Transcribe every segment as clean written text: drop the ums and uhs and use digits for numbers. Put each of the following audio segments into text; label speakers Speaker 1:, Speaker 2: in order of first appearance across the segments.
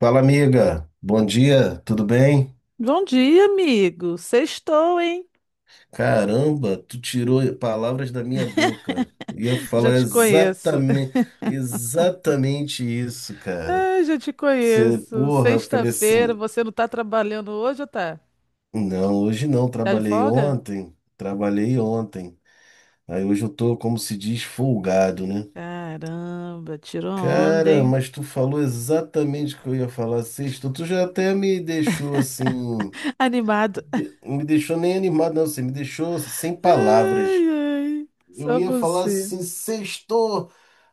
Speaker 1: Fala, amiga. Bom dia, tudo bem?
Speaker 2: Bom dia, amigo. Sextou, hein?
Speaker 1: Caramba, tu tirou palavras da minha boca. Eu ia
Speaker 2: Já
Speaker 1: falar
Speaker 2: te conheço.
Speaker 1: exatamente isso, cara.
Speaker 2: Ai, já te
Speaker 1: Você,
Speaker 2: conheço.
Speaker 1: porra, eu falei
Speaker 2: Sexta-feira,
Speaker 1: assim,
Speaker 2: você não tá trabalhando hoje ou tá?
Speaker 1: não, hoje não,
Speaker 2: Tá de
Speaker 1: trabalhei
Speaker 2: folga?
Speaker 1: ontem, trabalhei ontem. Aí hoje eu tô, como se diz, folgado, né?
Speaker 2: Caramba, tirou onda,
Speaker 1: Cara,
Speaker 2: hein?
Speaker 1: mas tu falou exatamente o que eu ia falar sexta. Tu já até me deixou assim,
Speaker 2: Animado.
Speaker 1: me deixou nem animado, não, você me deixou sem palavras.
Speaker 2: Ai, ai,
Speaker 1: Eu
Speaker 2: só
Speaker 1: ia falar
Speaker 2: você.
Speaker 1: assim, sextou,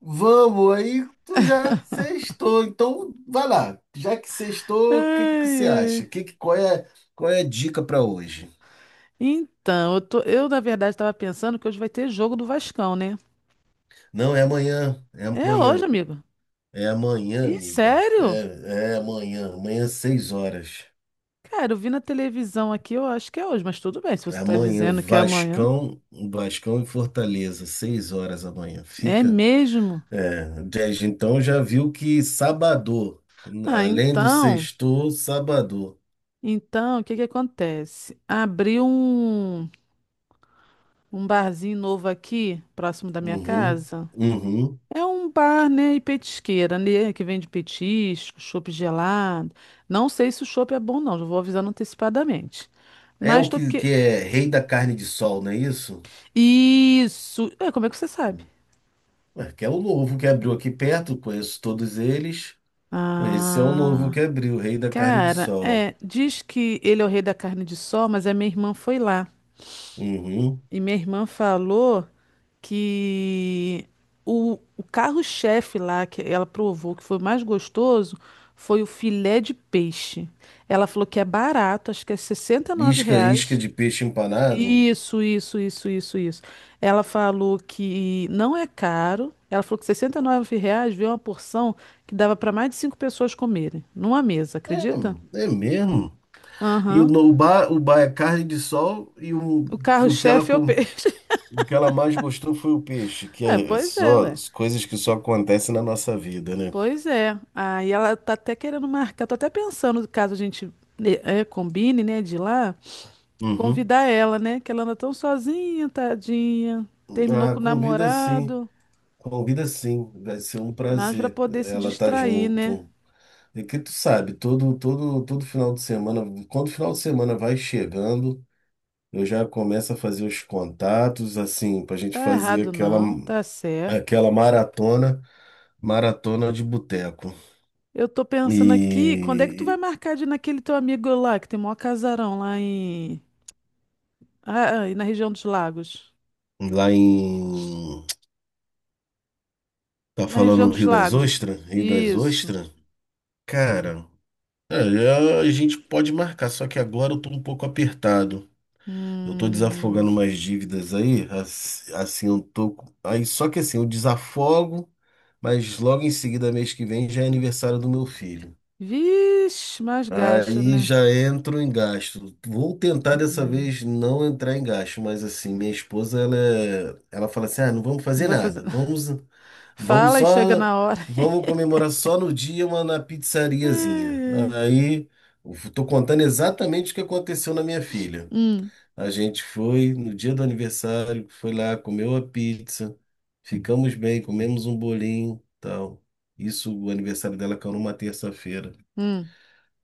Speaker 1: vamos, aí tu já sextou. Então, vai lá. Já que sextou, o que que
Speaker 2: Ai,
Speaker 1: você acha?
Speaker 2: ai.
Speaker 1: Qual é a dica para hoje?
Speaker 2: Então, eu na verdade estava pensando que hoje vai ter jogo do Vascão, né?
Speaker 1: Não, é amanhã, é
Speaker 2: É hoje,
Speaker 1: amanhã.
Speaker 2: amigo.
Speaker 1: É amanhã,
Speaker 2: Ih,
Speaker 1: amiga.
Speaker 2: sério?
Speaker 1: É amanhã, amanhã às 6 horas.
Speaker 2: Cara, eu vi na televisão aqui, eu acho que é hoje, mas tudo bem, se você tá
Speaker 1: Amanhã,
Speaker 2: dizendo que é amanhã.
Speaker 1: Vascão, Vascão e Fortaleza, 6 horas amanhã.
Speaker 2: É
Speaker 1: Fica.
Speaker 2: mesmo?
Speaker 1: É, desde então já viu que sábado,
Speaker 2: Ah,
Speaker 1: além do
Speaker 2: então,
Speaker 1: sextou, sábado.
Speaker 2: então, o que que acontece? Um barzinho novo aqui, próximo da minha
Speaker 1: Uhum,
Speaker 2: casa.
Speaker 1: uhum.
Speaker 2: É um bar, né, e petisqueira, né, que vende petisco, chopp gelado. Não sei se o chopp é bom, não, já vou avisando antecipadamente.
Speaker 1: É
Speaker 2: Mas
Speaker 1: o
Speaker 2: tô
Speaker 1: que,
Speaker 2: que...
Speaker 1: que é rei da carne de sol, não é isso?
Speaker 2: Isso! É, como é que você sabe?
Speaker 1: Ué, que é o novo que abriu aqui perto, conheço todos eles. Esse é o novo que
Speaker 2: Ah,
Speaker 1: abriu, rei da carne de
Speaker 2: cara,
Speaker 1: sol.
Speaker 2: é, diz que ele é o rei da carne de sol, mas a minha irmã foi lá.
Speaker 1: Uhum.
Speaker 2: E minha irmã falou que o carro-chefe lá que ela provou que foi mais gostoso foi o filé de peixe. Ela falou que é barato, acho que é R$ 69
Speaker 1: Isca, isca
Speaker 2: reais.
Speaker 1: de peixe empanado.
Speaker 2: Isso, isso, isso, isso, isso. Ela falou que não é caro. Ela falou que R$ 69 reais veio uma porção que dava para mais de cinco pessoas comerem, numa mesa, acredita?
Speaker 1: É, é mesmo. E o,
Speaker 2: Aham.
Speaker 1: no- o bar é carne de sol,
Speaker 2: O
Speaker 1: e o que ela,
Speaker 2: carro-chefe é o
Speaker 1: com-
Speaker 2: peixe.
Speaker 1: o que ela mais gostou foi o peixe, que
Speaker 2: É,
Speaker 1: é
Speaker 2: pois é,
Speaker 1: só
Speaker 2: ué.
Speaker 1: as coisas que só acontecem na nossa vida, né?
Speaker 2: Pois é. Aí ela tá até querendo marcar, tô até pensando, caso a gente né, é, combine, né, de ir lá,
Speaker 1: Uhum.
Speaker 2: convidar ela, né, que ela anda tão sozinha, tadinha. Terminou
Speaker 1: Ah,
Speaker 2: com o
Speaker 1: convida sim.
Speaker 2: namorado,
Speaker 1: Convida sim, vai ser um
Speaker 2: mas pra
Speaker 1: prazer
Speaker 2: poder se
Speaker 1: ela estar
Speaker 2: distrair, né?
Speaker 1: junto. E que tu sabe, todo, todo, todo final de semana, quando o final de semana vai chegando, eu já começo a fazer os contatos, assim, para a gente
Speaker 2: Tá
Speaker 1: fazer
Speaker 2: errado
Speaker 1: aquela,
Speaker 2: não, tá certo.
Speaker 1: aquela maratona de boteco.
Speaker 2: Eu tô
Speaker 1: E
Speaker 2: pensando aqui, quando é que tu vai marcar de ir naquele teu amigo lá, que tem o maior casarão lá em... Ah, ah, e na região dos lagos.
Speaker 1: lá em. Tá
Speaker 2: Na região
Speaker 1: falando
Speaker 2: dos
Speaker 1: Rio das
Speaker 2: lagos.
Speaker 1: Ostras? Rio das
Speaker 2: Isso.
Speaker 1: Ostras? Cara, é, a gente pode marcar, só que agora eu tô um pouco apertado. Eu tô
Speaker 2: Hum.
Speaker 1: desafogando umas dívidas aí, assim, eu tô. Aí, só que assim, eu desafogo, mas logo em seguida, mês que vem, já é aniversário do meu filho.
Speaker 2: Vixe, mais gasto,
Speaker 1: Aí
Speaker 2: né?
Speaker 1: já entro em gasto. Vou tentar dessa
Speaker 2: Hum,
Speaker 1: vez não entrar em gasto, mas assim, minha esposa, ela, ela fala assim: ah, não vamos
Speaker 2: não
Speaker 1: fazer
Speaker 2: vai fazer.
Speaker 1: nada, vamos, vamos
Speaker 2: Fala e chega
Speaker 1: só,
Speaker 2: na hora.
Speaker 1: vamos comemorar só no dia, uma na
Speaker 2: Ai,
Speaker 1: pizzariazinha.
Speaker 2: ai.
Speaker 1: Aí, eu tô contando exatamente o que aconteceu na minha filha.
Speaker 2: Hum,
Speaker 1: A gente foi no dia do aniversário, foi lá, comeu a pizza, ficamos bem, comemos um bolinho, tal. Isso, o aniversário dela caiu numa terça-feira.
Speaker 2: hum.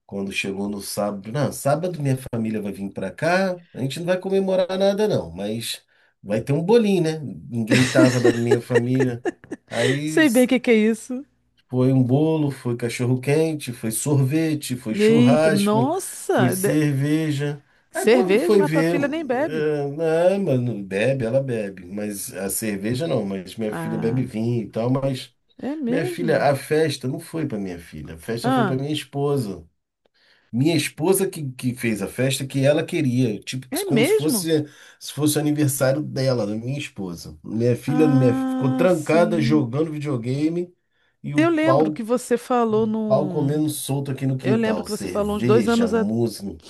Speaker 1: Quando chegou no sábado, não, sábado minha família vai vir pra cá, a gente não vai comemorar nada não, mas vai ter um bolinho, né? Ninguém tava da minha família. Aí
Speaker 2: Sei bem o que que é isso.
Speaker 1: foi um bolo, foi cachorro-quente, foi sorvete, foi
Speaker 2: Eita,
Speaker 1: churrasco, foi
Speaker 2: nossa! De-
Speaker 1: cerveja. Aí quando
Speaker 2: Cerveja,
Speaker 1: foi
Speaker 2: mas tua
Speaker 1: ver,
Speaker 2: filha nem bebe.
Speaker 1: não, mano, bebe, ela bebe, mas a cerveja não, mas minha filha bebe
Speaker 2: Ah,
Speaker 1: vinho e tal, mas
Speaker 2: é
Speaker 1: minha filha,
Speaker 2: mesmo?
Speaker 1: a festa não foi para minha filha, a festa foi para
Speaker 2: Ah,
Speaker 1: minha esposa. Minha esposa que fez a festa que ela queria, tipo,
Speaker 2: é
Speaker 1: como se
Speaker 2: mesmo?
Speaker 1: fosse se fosse o aniversário dela, da minha esposa. Minha filha minha, ficou
Speaker 2: Ah,
Speaker 1: trancada
Speaker 2: sim.
Speaker 1: jogando videogame e o
Speaker 2: Eu lembro
Speaker 1: pau.
Speaker 2: que você falou
Speaker 1: Pau
Speaker 2: num.
Speaker 1: comendo solto aqui no
Speaker 2: Eu lembro
Speaker 1: quintal.
Speaker 2: que você falou uns dois
Speaker 1: Cerveja,
Speaker 2: anos a...
Speaker 1: música.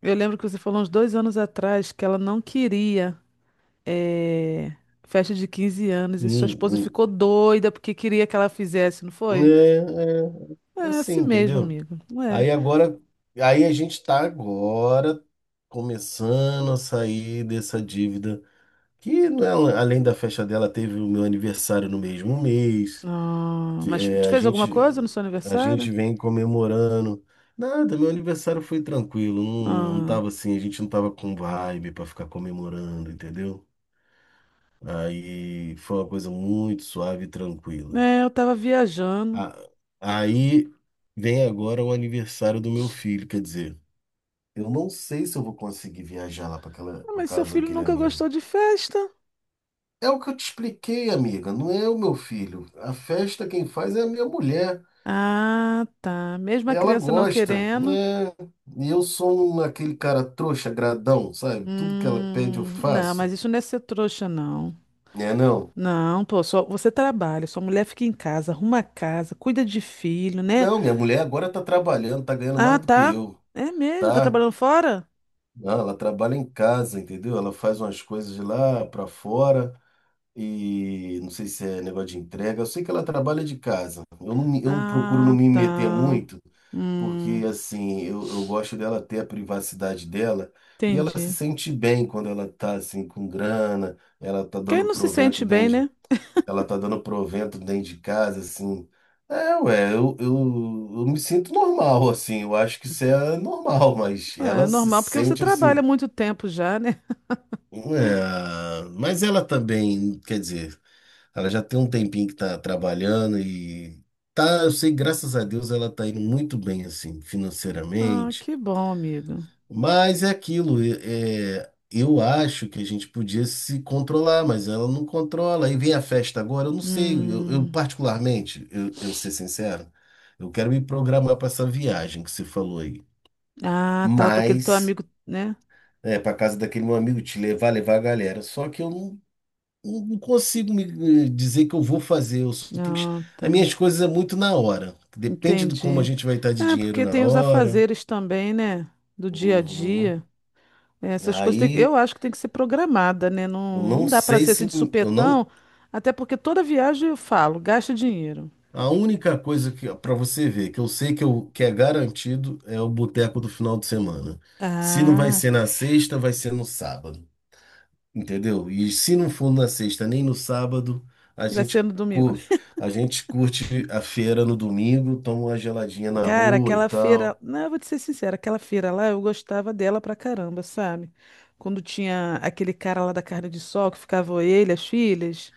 Speaker 2: Eu lembro que você falou uns 2 anos atrás que ela não queria. É, festa de 15 anos e sua esposa
Speaker 1: Hum,
Speaker 2: ficou doida porque queria que ela fizesse, não
Speaker 1: hum.
Speaker 2: foi?
Speaker 1: É
Speaker 2: É
Speaker 1: assim,
Speaker 2: assim mesmo,
Speaker 1: entendeu?
Speaker 2: amigo. Não é.
Speaker 1: Aí agora, aí a gente tá agora começando a sair dessa dívida. Que não é, além da festa dela, teve o meu aniversário no mesmo mês.
Speaker 2: Ah, mas tu
Speaker 1: É, a
Speaker 2: fez alguma coisa no
Speaker 1: gente,
Speaker 2: seu
Speaker 1: a
Speaker 2: aniversário?
Speaker 1: gente vem comemorando. Nada, meu aniversário foi tranquilo. Não, não
Speaker 2: Ah,
Speaker 1: tava assim, a gente não tava com vibe pra ficar comemorando, entendeu? Aí foi uma coisa muito suave e tranquila.
Speaker 2: é, eu tava viajando.
Speaker 1: A- Aí vem agora o aniversário do meu filho, quer dizer, eu não sei se eu vou conseguir viajar lá para aquela,
Speaker 2: Ah,
Speaker 1: para
Speaker 2: mas seu
Speaker 1: casa
Speaker 2: filho
Speaker 1: daquele
Speaker 2: nunca
Speaker 1: amigo.
Speaker 2: gostou de festa.
Speaker 1: É o que eu te expliquei, amiga, não é o meu filho. A festa quem faz é a minha mulher.
Speaker 2: Ah, tá. Mesmo a
Speaker 1: Ela
Speaker 2: criança não
Speaker 1: gosta,
Speaker 2: querendo.
Speaker 1: né? E eu sou aquele cara trouxa, gradão, sabe? Tudo que ela pede eu
Speaker 2: Não, mas
Speaker 1: faço.
Speaker 2: isso não é ser trouxa, não.
Speaker 1: É, não.
Speaker 2: Não, pô, só você trabalha, sua mulher fica em casa, arruma a casa, cuida de filho, né?
Speaker 1: Não, minha mulher agora tá trabalhando, tá ganhando
Speaker 2: Ah,
Speaker 1: mais do que
Speaker 2: tá.
Speaker 1: eu,
Speaker 2: É mesmo? Tá
Speaker 1: tá?
Speaker 2: trabalhando fora?
Speaker 1: Não, ela trabalha em casa, entendeu? Ela faz umas coisas de lá para fora e não sei se é negócio de entrega. Eu sei que ela trabalha de casa. Eu procuro não
Speaker 2: Ah,
Speaker 1: me meter
Speaker 2: tá.
Speaker 1: muito, porque
Speaker 2: Hum,
Speaker 1: assim, eu gosto dela ter a privacidade dela e ela se
Speaker 2: entendi.
Speaker 1: sente bem quando ela tá assim com grana,
Speaker 2: Quem não se sente bem, né?
Speaker 1: ela tá dando provento dentro de casa, assim. É, ué, eu me sinto normal, assim, eu acho que isso é normal, mas
Speaker 2: É é
Speaker 1: ela se
Speaker 2: normal, porque você
Speaker 1: sente
Speaker 2: trabalha
Speaker 1: assim.
Speaker 2: muito tempo já, né?
Speaker 1: É, mas ela também, quer dizer, ela já tem um tempinho que tá trabalhando e tá, eu sei, graças a Deus ela tá indo muito bem assim,
Speaker 2: Ah,
Speaker 1: financeiramente.
Speaker 2: que bom, amigo.
Speaker 1: Mas é aquilo, eu acho que a gente podia se controlar, mas ela não controla. Aí vem a festa agora, eu não sei, eu
Speaker 2: Hum.
Speaker 1: particularmente, eu ser sincero, eu quero me programar para essa viagem que você falou aí.
Speaker 2: Ah, tá lá para aquele teu
Speaker 1: Mas
Speaker 2: amigo, né?
Speaker 1: é para casa daquele meu amigo te levar, levar a galera. Só que eu não consigo me dizer que eu vou fazer. Eu só tenho que...
Speaker 2: Ah, tá.
Speaker 1: As minhas coisas é muito na hora. Depende de como a
Speaker 2: Entendi.
Speaker 1: gente vai estar de
Speaker 2: É,
Speaker 1: dinheiro
Speaker 2: porque
Speaker 1: na
Speaker 2: tem os
Speaker 1: hora.
Speaker 2: afazeres também, né? Do dia a
Speaker 1: Uhum.
Speaker 2: dia. Essas coisas tem- eu
Speaker 1: Aí
Speaker 2: acho que tem que ser programada, né?
Speaker 1: eu
Speaker 2: Não, não
Speaker 1: não
Speaker 2: dá para
Speaker 1: sei
Speaker 2: ser assim
Speaker 1: se
Speaker 2: de
Speaker 1: eu não.
Speaker 2: supetão, até porque toda viagem eu falo, gasta dinheiro.
Speaker 1: A única coisa que para você ver que eu sei que, eu, que é garantido é o boteco do final de semana. Se não vai
Speaker 2: Ah,
Speaker 1: ser na sexta, vai ser no sábado. Entendeu? E se não for na sexta nem no sábado, a
Speaker 2: vai ser
Speaker 1: gente,
Speaker 2: no domingo.
Speaker 1: cu- a gente curte a feira no domingo, toma uma geladinha na
Speaker 2: Cara,
Speaker 1: rua e
Speaker 2: aquela feira,
Speaker 1: tal.
Speaker 2: não, eu vou te ser sincera, aquela feira lá eu gostava dela pra caramba, sabe? Quando tinha aquele cara lá da carne de sol que ficava ele, as filhas.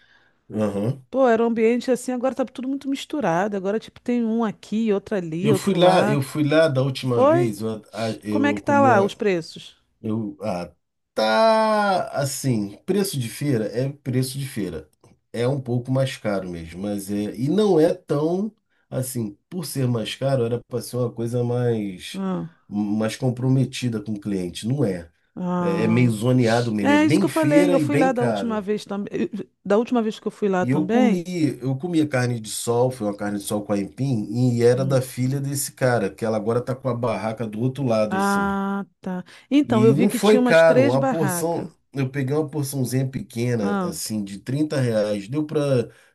Speaker 1: Aham.
Speaker 2: Pô, era um ambiente assim, agora tá tudo muito misturado. Agora, tipo, tem um aqui, outro ali,
Speaker 1: Eu fui
Speaker 2: outro
Speaker 1: lá, eu
Speaker 2: lá.
Speaker 1: fui lá da última
Speaker 2: Foi?
Speaker 1: vez, eu,
Speaker 2: Como é
Speaker 1: eu
Speaker 2: que tá
Speaker 1: comi.
Speaker 2: lá os preços?
Speaker 1: Eu, ah, tá assim, preço de feira é preço de feira. É um pouco mais caro mesmo, mas é, e não é tão assim, por ser mais caro, era para ser uma coisa mais
Speaker 2: Ah.
Speaker 1: mais comprometida com o cliente, não é. É, é meio
Speaker 2: Ah,
Speaker 1: zoneado mesmo, é
Speaker 2: é isso que
Speaker 1: bem
Speaker 2: eu falei.
Speaker 1: feira
Speaker 2: Eu
Speaker 1: e
Speaker 2: fui
Speaker 1: bem
Speaker 2: lá da última
Speaker 1: caro.
Speaker 2: vez também. Da última vez que eu fui lá
Speaker 1: E eu comi,
Speaker 2: também.
Speaker 1: eu comi a carne de sol, foi uma carne de sol com aipim, e era da
Speaker 2: Hum.
Speaker 1: filha desse cara, que ela agora tá com a barraca do outro lado assim.
Speaker 2: Ah, tá. Então, eu
Speaker 1: E
Speaker 2: vi
Speaker 1: não
Speaker 2: que tinha
Speaker 1: foi
Speaker 2: umas
Speaker 1: caro,
Speaker 2: três
Speaker 1: uma
Speaker 2: barracas.
Speaker 1: porção. Eu peguei uma porçãozinha pequena,
Speaker 2: Ah,
Speaker 1: assim, de 30 reais. Deu pra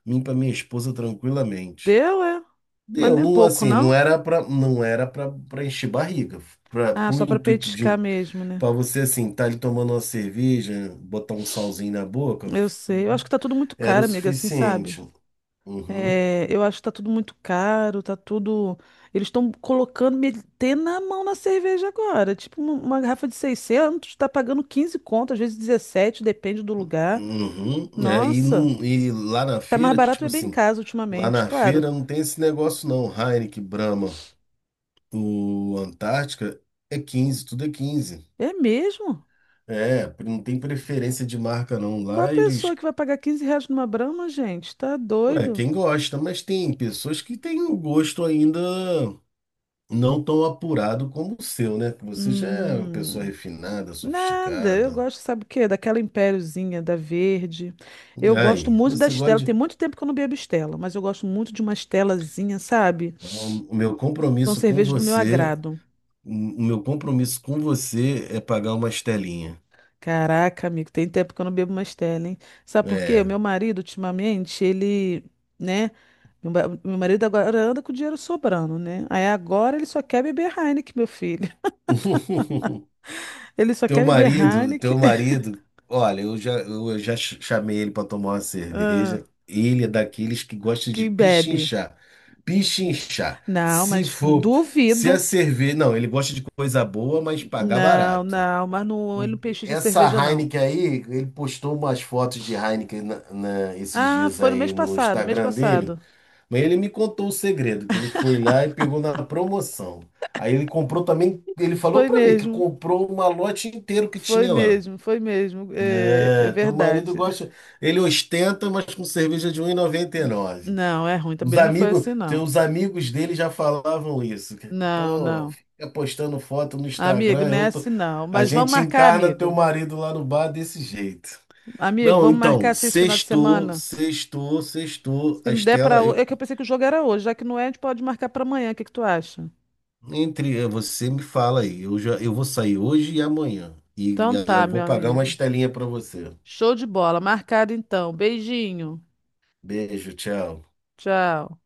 Speaker 1: mim, e pra minha esposa tranquilamente.
Speaker 2: deu, é? Mas
Speaker 1: Deu,
Speaker 2: não é
Speaker 1: não,
Speaker 2: pouco,
Speaker 1: assim, não
Speaker 2: não?
Speaker 1: era pra, não era pra, pra encher barriga. Pra,
Speaker 2: Ah,
Speaker 1: pro
Speaker 2: só para
Speaker 1: intuito
Speaker 2: petiscar
Speaker 1: de,
Speaker 2: mesmo, né?
Speaker 1: pra você, assim, tá ali tomando uma cerveja, botar um salzinho na boca,
Speaker 2: Eu sei. Eu acho que tá tudo muito
Speaker 1: era o
Speaker 2: caro, amiga, assim, sabe?
Speaker 1: suficiente. Uhum,
Speaker 2: É, eu acho que tá tudo muito caro, tá tudo. Eles estão colocando, metendo na mão na cerveja agora. Tipo, uma garrafa de 600 tá pagando 15 conto, às vezes 17, depende do lugar.
Speaker 1: uhum. É, e,
Speaker 2: Nossa,
Speaker 1: não, e lá na
Speaker 2: tá mais
Speaker 1: feira,
Speaker 2: barato
Speaker 1: tipo
Speaker 2: beber em
Speaker 1: assim,
Speaker 2: casa
Speaker 1: lá
Speaker 2: ultimamente,
Speaker 1: na
Speaker 2: claro.
Speaker 1: feira não tem esse negócio não, Heineken, Brahma. O Antártica é 15, tudo é 15.
Speaker 2: É mesmo?
Speaker 1: É, não tem preferência de marca não.
Speaker 2: Qual a
Speaker 1: Lá
Speaker 2: pessoa
Speaker 1: eles,
Speaker 2: que vai pagar R$ 15 numa Brahma, gente? Tá
Speaker 1: ué,
Speaker 2: doido?
Speaker 1: quem gosta, mas tem pessoas que têm o gosto ainda não tão apurado como o seu, né? Que você já é uma pessoa
Speaker 2: Hum,
Speaker 1: refinada,
Speaker 2: nada. Eu
Speaker 1: sofisticada.
Speaker 2: gosto, sabe o quê? Daquela Impériozinha, da verde. Eu gosto
Speaker 1: Aí,
Speaker 2: muito da
Speaker 1: você gosta
Speaker 2: Stella. Tem
Speaker 1: de...
Speaker 2: muito tempo que eu não bebo Stella, mas eu gosto muito de uma Stellazinha, sabe?
Speaker 1: Não, o meu
Speaker 2: São
Speaker 1: compromisso com
Speaker 2: cervejas do meu
Speaker 1: você,
Speaker 2: agrado.
Speaker 1: o meu compromisso com você é pagar uma estelinha.
Speaker 2: Caraca, amigo, tem tempo que eu não bebo mais stella, hein? Sabe por quê? O
Speaker 1: É.
Speaker 2: meu marido, ultimamente, ele, né? Meu, ba- meu marido agora anda com o dinheiro sobrando, né? Aí agora ele só quer beber Heineken, meu filho. Ele só
Speaker 1: Teu
Speaker 2: quer beber
Speaker 1: marido, teu
Speaker 2: Heineken,
Speaker 1: marido, olha, eu já chamei ele para tomar uma cerveja.
Speaker 2: ah,
Speaker 1: Ele é daqueles que gosta de
Speaker 2: que bebe.
Speaker 1: pichinchar. Pichinchar.
Speaker 2: Não,
Speaker 1: Se
Speaker 2: mas
Speaker 1: for, se a
Speaker 2: duvido.
Speaker 1: cerveja. Não, ele gosta de coisa boa, mas pagar
Speaker 2: Não,
Speaker 1: barato.
Speaker 2: não, mas não, ele não pechincha
Speaker 1: Essa
Speaker 2: cerveja, não.
Speaker 1: Heineken aí, ele postou umas fotos de Heineken esses
Speaker 2: Ah,
Speaker 1: dias
Speaker 2: foi no mês
Speaker 1: aí no
Speaker 2: passado, mês
Speaker 1: Instagram dele.
Speaker 2: passado.
Speaker 1: Mas ele me contou o segredo, que ele foi lá e pegou na promoção. Aí ele comprou também, ele falou
Speaker 2: Foi
Speaker 1: pra mim que
Speaker 2: mesmo,
Speaker 1: comprou um malote inteiro que
Speaker 2: foi
Speaker 1: tinha lá.
Speaker 2: mesmo, foi mesmo. É, é
Speaker 1: É, teu marido
Speaker 2: verdade.
Speaker 1: gosta, ele ostenta, mas com cerveja de 1,99.
Speaker 2: Não, é ruim,
Speaker 1: Os
Speaker 2: também não foi
Speaker 1: amigos,
Speaker 2: assim, não.
Speaker 1: teus amigos dele já falavam isso. Que,
Speaker 2: Não,
Speaker 1: pô,
Speaker 2: não.
Speaker 1: fica postando foto no
Speaker 2: Amigo,
Speaker 1: Instagram,
Speaker 2: não é assim não.
Speaker 1: a
Speaker 2: Mas vamos
Speaker 1: gente
Speaker 2: marcar,
Speaker 1: encarna teu
Speaker 2: amigo.
Speaker 1: marido lá no bar desse jeito.
Speaker 2: Amigo,
Speaker 1: Não,
Speaker 2: vamos marcar
Speaker 1: então,
Speaker 2: assim esse final de
Speaker 1: sextou,
Speaker 2: semana.
Speaker 1: sextou, sextou.
Speaker 2: Se
Speaker 1: A
Speaker 2: não der pra
Speaker 1: Estela,
Speaker 2: hoje. É
Speaker 1: eu,
Speaker 2: que eu pensei que o jogo era hoje, já que não é, a gente pode marcar pra amanhã. O que que tu acha?
Speaker 1: entre você me fala aí, eu vou sair hoje e amanhã e
Speaker 2: Então
Speaker 1: ah,
Speaker 2: tá,
Speaker 1: vou
Speaker 2: meu
Speaker 1: pagar uma
Speaker 2: amigo.
Speaker 1: estelinha para você.
Speaker 2: Show de bola. Marcado então. Beijinho.
Speaker 1: Beijo, tchau.
Speaker 2: Tchau.